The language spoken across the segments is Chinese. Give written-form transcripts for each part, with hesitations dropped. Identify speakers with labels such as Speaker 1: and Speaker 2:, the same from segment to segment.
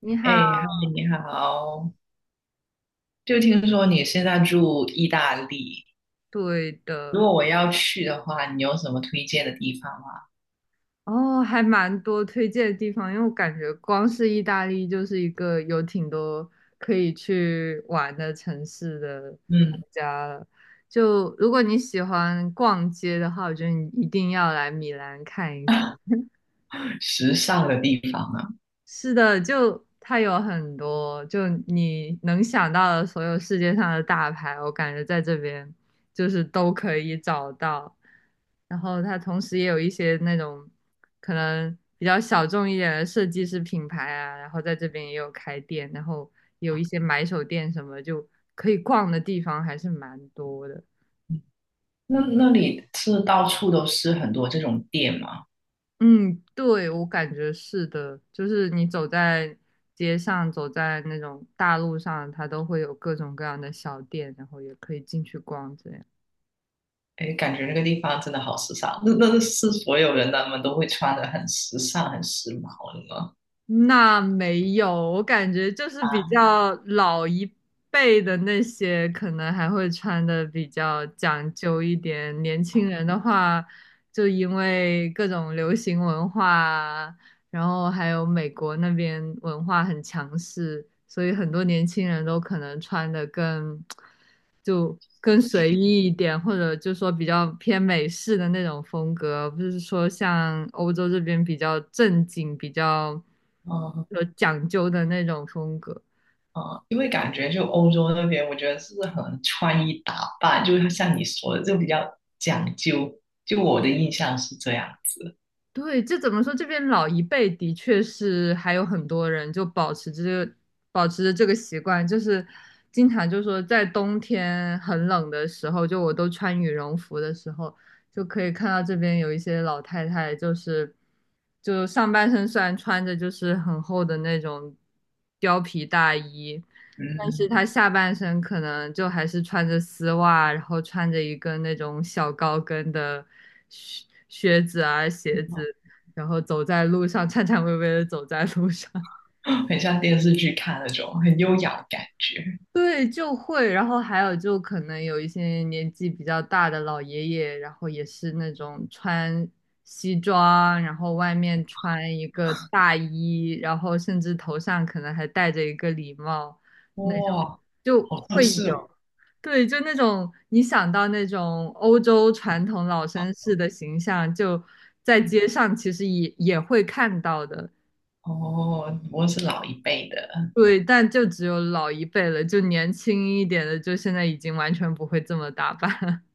Speaker 1: 你好，
Speaker 2: 哎，嗨，你好！就听说你现在住意大利，
Speaker 1: 对
Speaker 2: 如
Speaker 1: 的，
Speaker 2: 果我要去的话，你有什么推荐的地方吗？
Speaker 1: 哦，还蛮多推荐的地方，因为我感觉光是意大利就是一个有挺多可以去玩的城市的国
Speaker 2: 嗯，
Speaker 1: 家了。就如果你喜欢逛街的话，我觉得你一定要来米兰看一看。
Speaker 2: 时尚的地方啊，
Speaker 1: 是的，就它有很多，就你能想到的所有世界上的大牌，我感觉在这边就是都可以找到。然后它同时也有一些那种可能比较小众一点的设计师品牌啊，然后在这边也有开店，然后有一些买手店什么，就可以逛的地方还是蛮多的。
Speaker 2: 嗯那里是到处都是很多这种店吗？
Speaker 1: 嗯，对，我感觉是的，就是你走在街上，走在那种大路上，它都会有各种各样的小店，然后也可以进去逛这样。
Speaker 2: 哎，感觉那个地方真的好时尚，那是所有人他们都会穿的很时尚、很时髦的吗？
Speaker 1: 那没有，我感觉就是比
Speaker 2: 啊，
Speaker 1: 较老一辈的那些，可能还会穿的比较讲究一点。年
Speaker 2: 啊，
Speaker 1: 轻人的话，就因为各种流行文化啊然后还有美国那边文化很强势，所以很多年轻人都可能穿的更就
Speaker 2: 对不
Speaker 1: 更
Speaker 2: 起，
Speaker 1: 随意一点，或者就说比较偏美式的那种风格，不是说像欧洲这边比较正经、比较有讲究的那种风格。
Speaker 2: 嗯，因为感觉就欧洲那边，我觉得是很穿衣打扮，就是像你说的，就比较讲究。就我的印象是这样子，
Speaker 1: 对，这怎么说？这边老一辈的确是还有很多人就保持着这个习惯，就是经常就说在冬天很冷的时候，就我都穿羽绒服的时候，就可以看到这边有一些老太太，就是就上半身虽然穿着就是很厚的那种貂皮大衣，但
Speaker 2: 嗯，
Speaker 1: 是他下半身可能就还是穿着丝袜，然后穿着一个那种小高跟的靴子啊鞋子，然后走在路上颤颤巍巍的走在路上。
Speaker 2: 很像电视剧看那种很优雅的感觉。
Speaker 1: 对，就会，然后还有就可能有一些年纪比较大的老爷爷，然后也是那种穿西装，然后外面穿一个大衣，然后甚至头上可能还戴着一个礼帽，那种
Speaker 2: 哇，
Speaker 1: 就
Speaker 2: 好像
Speaker 1: 会有。
Speaker 2: 是哦！
Speaker 1: 对，就那种你想到那种欧洲传统老绅士的形象，就在街上其实也会看到的。
Speaker 2: 哦，不过是老一辈的。
Speaker 1: 对，但就只有老一辈了，就年轻一点的，就现在已经完全不会这么打扮。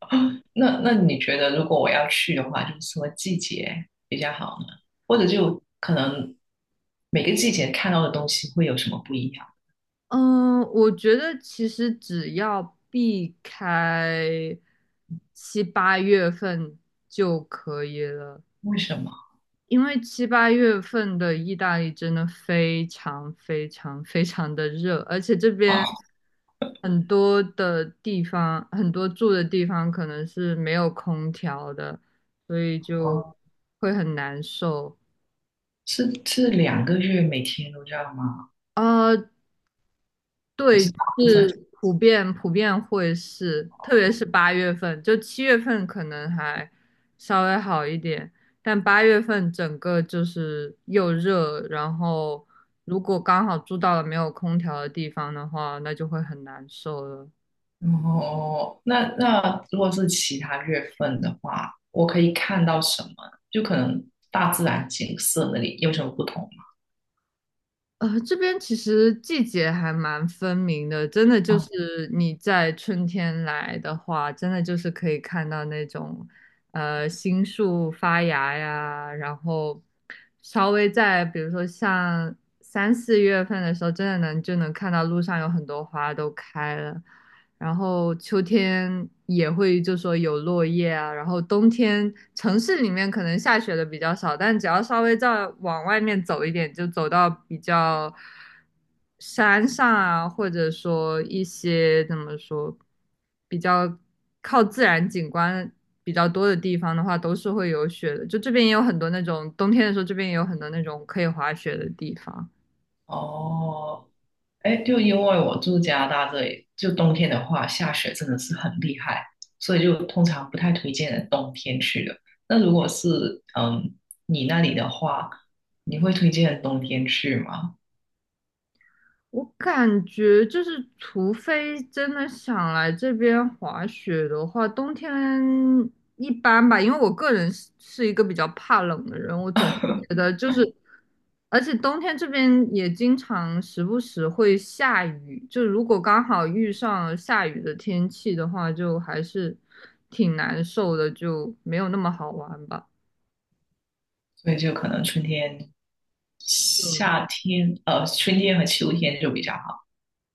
Speaker 2: 那你觉得，如果我要去的话，就是什么季节比较好呢？或者就可能每个季节看到的东西会有什么不一样？
Speaker 1: 嗯，我觉得其实只要避开七八月份就可以了。
Speaker 2: 为什么？
Speaker 1: 因为七八月份的意大利真的非常非常非常的热，而且这边很多的地方，很多住的地方可能是没有空调的，所以就
Speaker 2: 哦，
Speaker 1: 会很难受。
Speaker 2: 是两个月每天都这样吗？
Speaker 1: 啊。
Speaker 2: 还
Speaker 1: 对，
Speaker 2: 是
Speaker 1: 就
Speaker 2: 大部分？
Speaker 1: 是普遍会是，特别是八月份，就七月份可能还稍微好一点，但八月份整个就是又热，然后如果刚好住到了没有空调的地方的话，那就会很难受了。
Speaker 2: 哦，那如果是其他月份的话，我可以看到什么？就可能大自然景色那里有什么不同吗？
Speaker 1: 这边其实季节还蛮分明的，真的就
Speaker 2: 啊，
Speaker 1: 是你在春天来的话，真的就是可以看到那种，新树发芽呀，然后稍微在比如说像3、4月份的时候，真的能就能看到路上有很多花都开了，然后秋天也会就说有落叶啊，然后冬天城市里面可能下雪的比较少，但只要稍微再往外面走一点，就走到比较山上啊，或者说一些怎么说比较靠自然景观比较多的地方的话，都是会有雪的。就这边也有很多那种冬天的时候，这边也有很多那种可以滑雪的地方。
Speaker 2: 哦，哎，就因为我住加拿大这里，就冬天的话，下雪真的是很厉害，所以就通常不太推荐人冬天去的。那如果是你那里的话，你会推荐人冬天去吗？
Speaker 1: 我感觉就是，除非真的想来这边滑雪的话，冬天一般吧，因为我个人是一个比较怕冷的人，我总觉 得就是，而且冬天这边也经常时不时会下雨，就如果刚好遇上了下雨的天气的话，就还是挺难受的，就没有那么好玩吧。
Speaker 2: 所以就可能春天
Speaker 1: 嗯。
Speaker 2: 夏天，春天和秋天就比较好。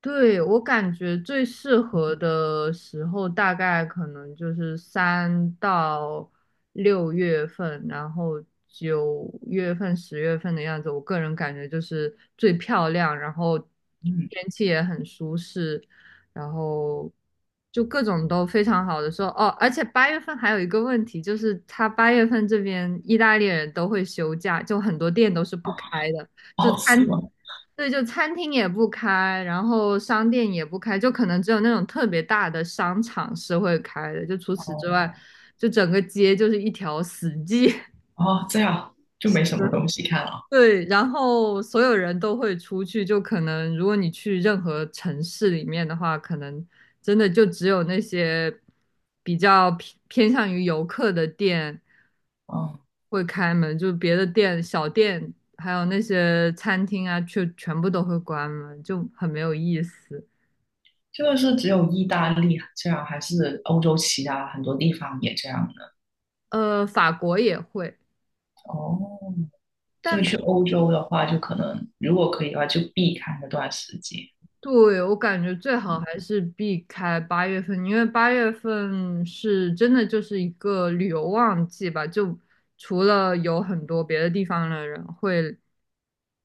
Speaker 1: 对，我感觉最适合的时候大概可能就是3到6月份，然后9月份、10月份的样子。我个人感觉就是最漂亮，然后
Speaker 2: 嗯，
Speaker 1: 天气也很舒适，然后就各种都非常好的时候。哦，而且八月份还有一个问题，就是他八月份这边意大利人都会休假，就很多店都是不开的，就
Speaker 2: 哦，是
Speaker 1: 餐
Speaker 2: 吗？
Speaker 1: 对，就餐厅也不开，然后商店也不开，就可能只有那种特别大的商场是会开的，就除此之
Speaker 2: 哦，
Speaker 1: 外，就整个街就是一条死街。
Speaker 2: 哦，这样就没 什么东西看了。
Speaker 1: 对，然后所有人都会出去，就可能如果你去任何城市里面的话，可能真的就只有那些比较偏向于游客的店
Speaker 2: 嗯，
Speaker 1: 会开门，就别的店、小店，还有那些餐厅啊，却全部都会关门，就很没有意思。
Speaker 2: 这个是只有意大利这样，还是欧洲其他很多地方也这样的？
Speaker 1: 法国也会，
Speaker 2: 哦，所以去
Speaker 1: 但
Speaker 2: 欧洲的话，就可能如果可以的话，就避开那段时间。
Speaker 1: 对，我感觉最好
Speaker 2: 嗯，
Speaker 1: 还是避开八月份，因为八月份是真的就是一个旅游旺季吧，就除了有很多别的地方的人会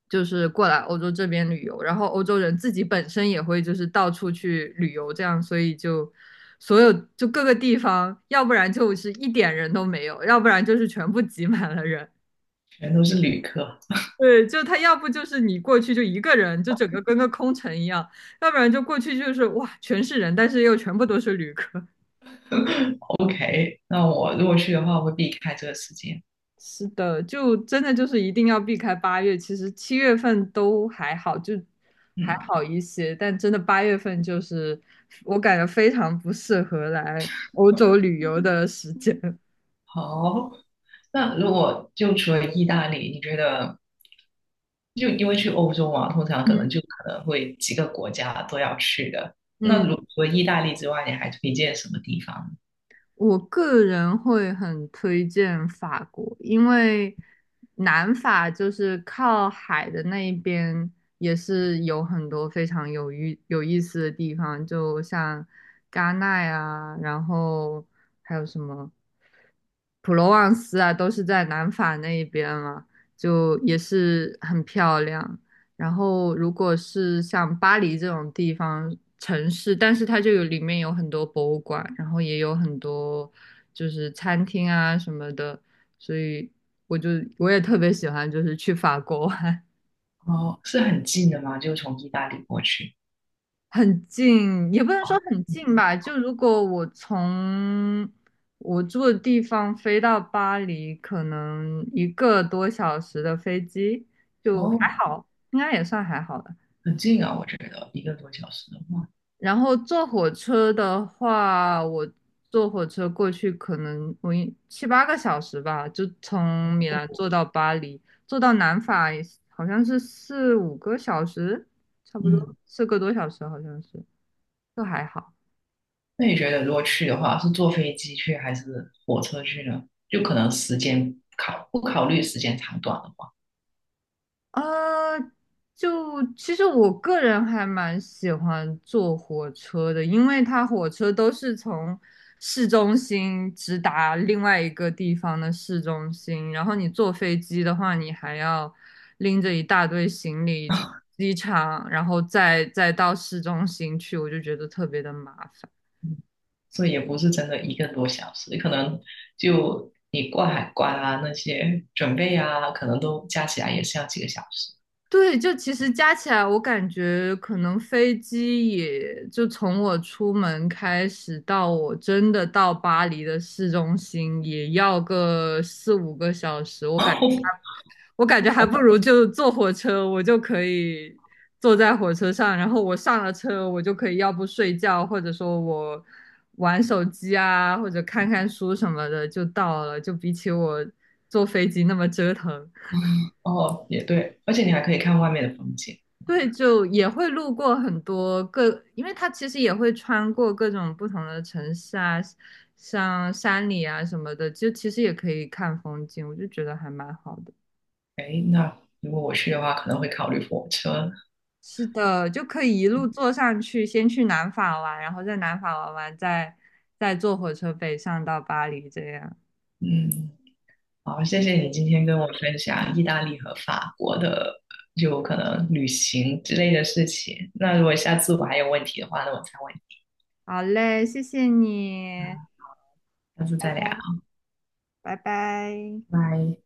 Speaker 1: 就是过来欧洲这边旅游，然后欧洲人自己本身也会就是到处去旅游，这样，所以就所有就各个地方，要不然就是一点人都没有，要不然就是全部挤满了人。
Speaker 2: 全都是旅客。
Speaker 1: 对，就他要不就是你过去就一个人，就整个跟个空城一样；要不然就过去就是哇，全是人，但是又全部都是旅客。
Speaker 2: OK，那我如果去的话，我会避开这个时间。
Speaker 1: 是的，就真的就是一定要避开八月。其实七月份都还好，就还
Speaker 2: 嗯。
Speaker 1: 好一些，但真的八月份就是我感觉非常不适合来欧洲旅游的时间。
Speaker 2: 好，那如果就除了意大利，你觉得就因为去欧洲嘛，通常 可能
Speaker 1: 嗯
Speaker 2: 会几个国家都要去的。
Speaker 1: 嗯。
Speaker 2: 那如除了意大利之外，你还推荐什么地方？
Speaker 1: 我个人会很推荐法国，因为南法就是靠海的那一边，也是有很多非常有意思的地方，就像戛纳啊，然后还有什么普罗旺斯啊，都是在南法那一边嘛，就也是很漂亮。然后如果是像巴黎这种地方城市，但是它就有里面有很多博物馆，然后也有很多就是餐厅啊什么的，所以我就我也特别喜欢就是去法国玩。
Speaker 2: 哦，是很近的吗？就从意大利过去？
Speaker 1: 很近，也不能
Speaker 2: 哦，
Speaker 1: 说很近吧。就如果我从我住的地方飞到巴黎，可能一个多小时的飞机，就还
Speaker 2: 哦，
Speaker 1: 好，应该也算还好的。
Speaker 2: 很近啊，我觉得一个多小时的话，
Speaker 1: 然后坐火车的话，坐火车过去，可能我7、8个小时吧，就从米兰坐到巴黎，坐到南法也是好像是四五个小时，差不多
Speaker 2: 嗯，
Speaker 1: 4个多小时，好像是，就还好。
Speaker 2: 那你觉得如果去的话，是坐飞机去还是火车去呢？就可能时间考不考虑时间长短的话，
Speaker 1: 啊，就其实我个人还蛮喜欢坐火车的，因为它火车都是从市中心直达另外一个地方的市中心，然后你坐飞机的话，你还要拎着一大堆行李从机场，然后再到市中心去，我就觉得特别的麻烦。
Speaker 2: 所以也不是真的一个多小时，可能就你过海关啊那些准备啊，可能都加起来也是要几个小时。
Speaker 1: 对，就其实加起来，我感觉可能飞机也就从我出门开始到我真的到巴黎的市中心，也要个四五个小时。我感觉还不如就坐火车，我就可以坐在火车上，然后我上了车，我就可以要不睡觉，或者说我玩手机啊，或者看看书什么的就到了，就比起我坐飞机那么折腾。
Speaker 2: 哦，也对，而且你还可以看外面的风景。
Speaker 1: 对，就也会路过很多各，因为它其实也会穿过各种不同的城市啊，像山里啊什么的，就其实也可以看风景，我就觉得还蛮好的。
Speaker 2: 诶，那如果我去的话，可能会考虑火车。
Speaker 1: 是的，就可以一路坐上去，先去南法玩，然后在南法玩完，再坐火车北上到巴黎这样。
Speaker 2: 嗯，好，谢谢你今天跟我分享意大利和法国的，就可能旅行之类的事情。那如果下次我还有问题的话，那我再问你，
Speaker 1: 好嘞，谢谢你，
Speaker 2: 下次
Speaker 1: 拜
Speaker 2: 再聊，
Speaker 1: 拜，拜拜。
Speaker 2: 拜。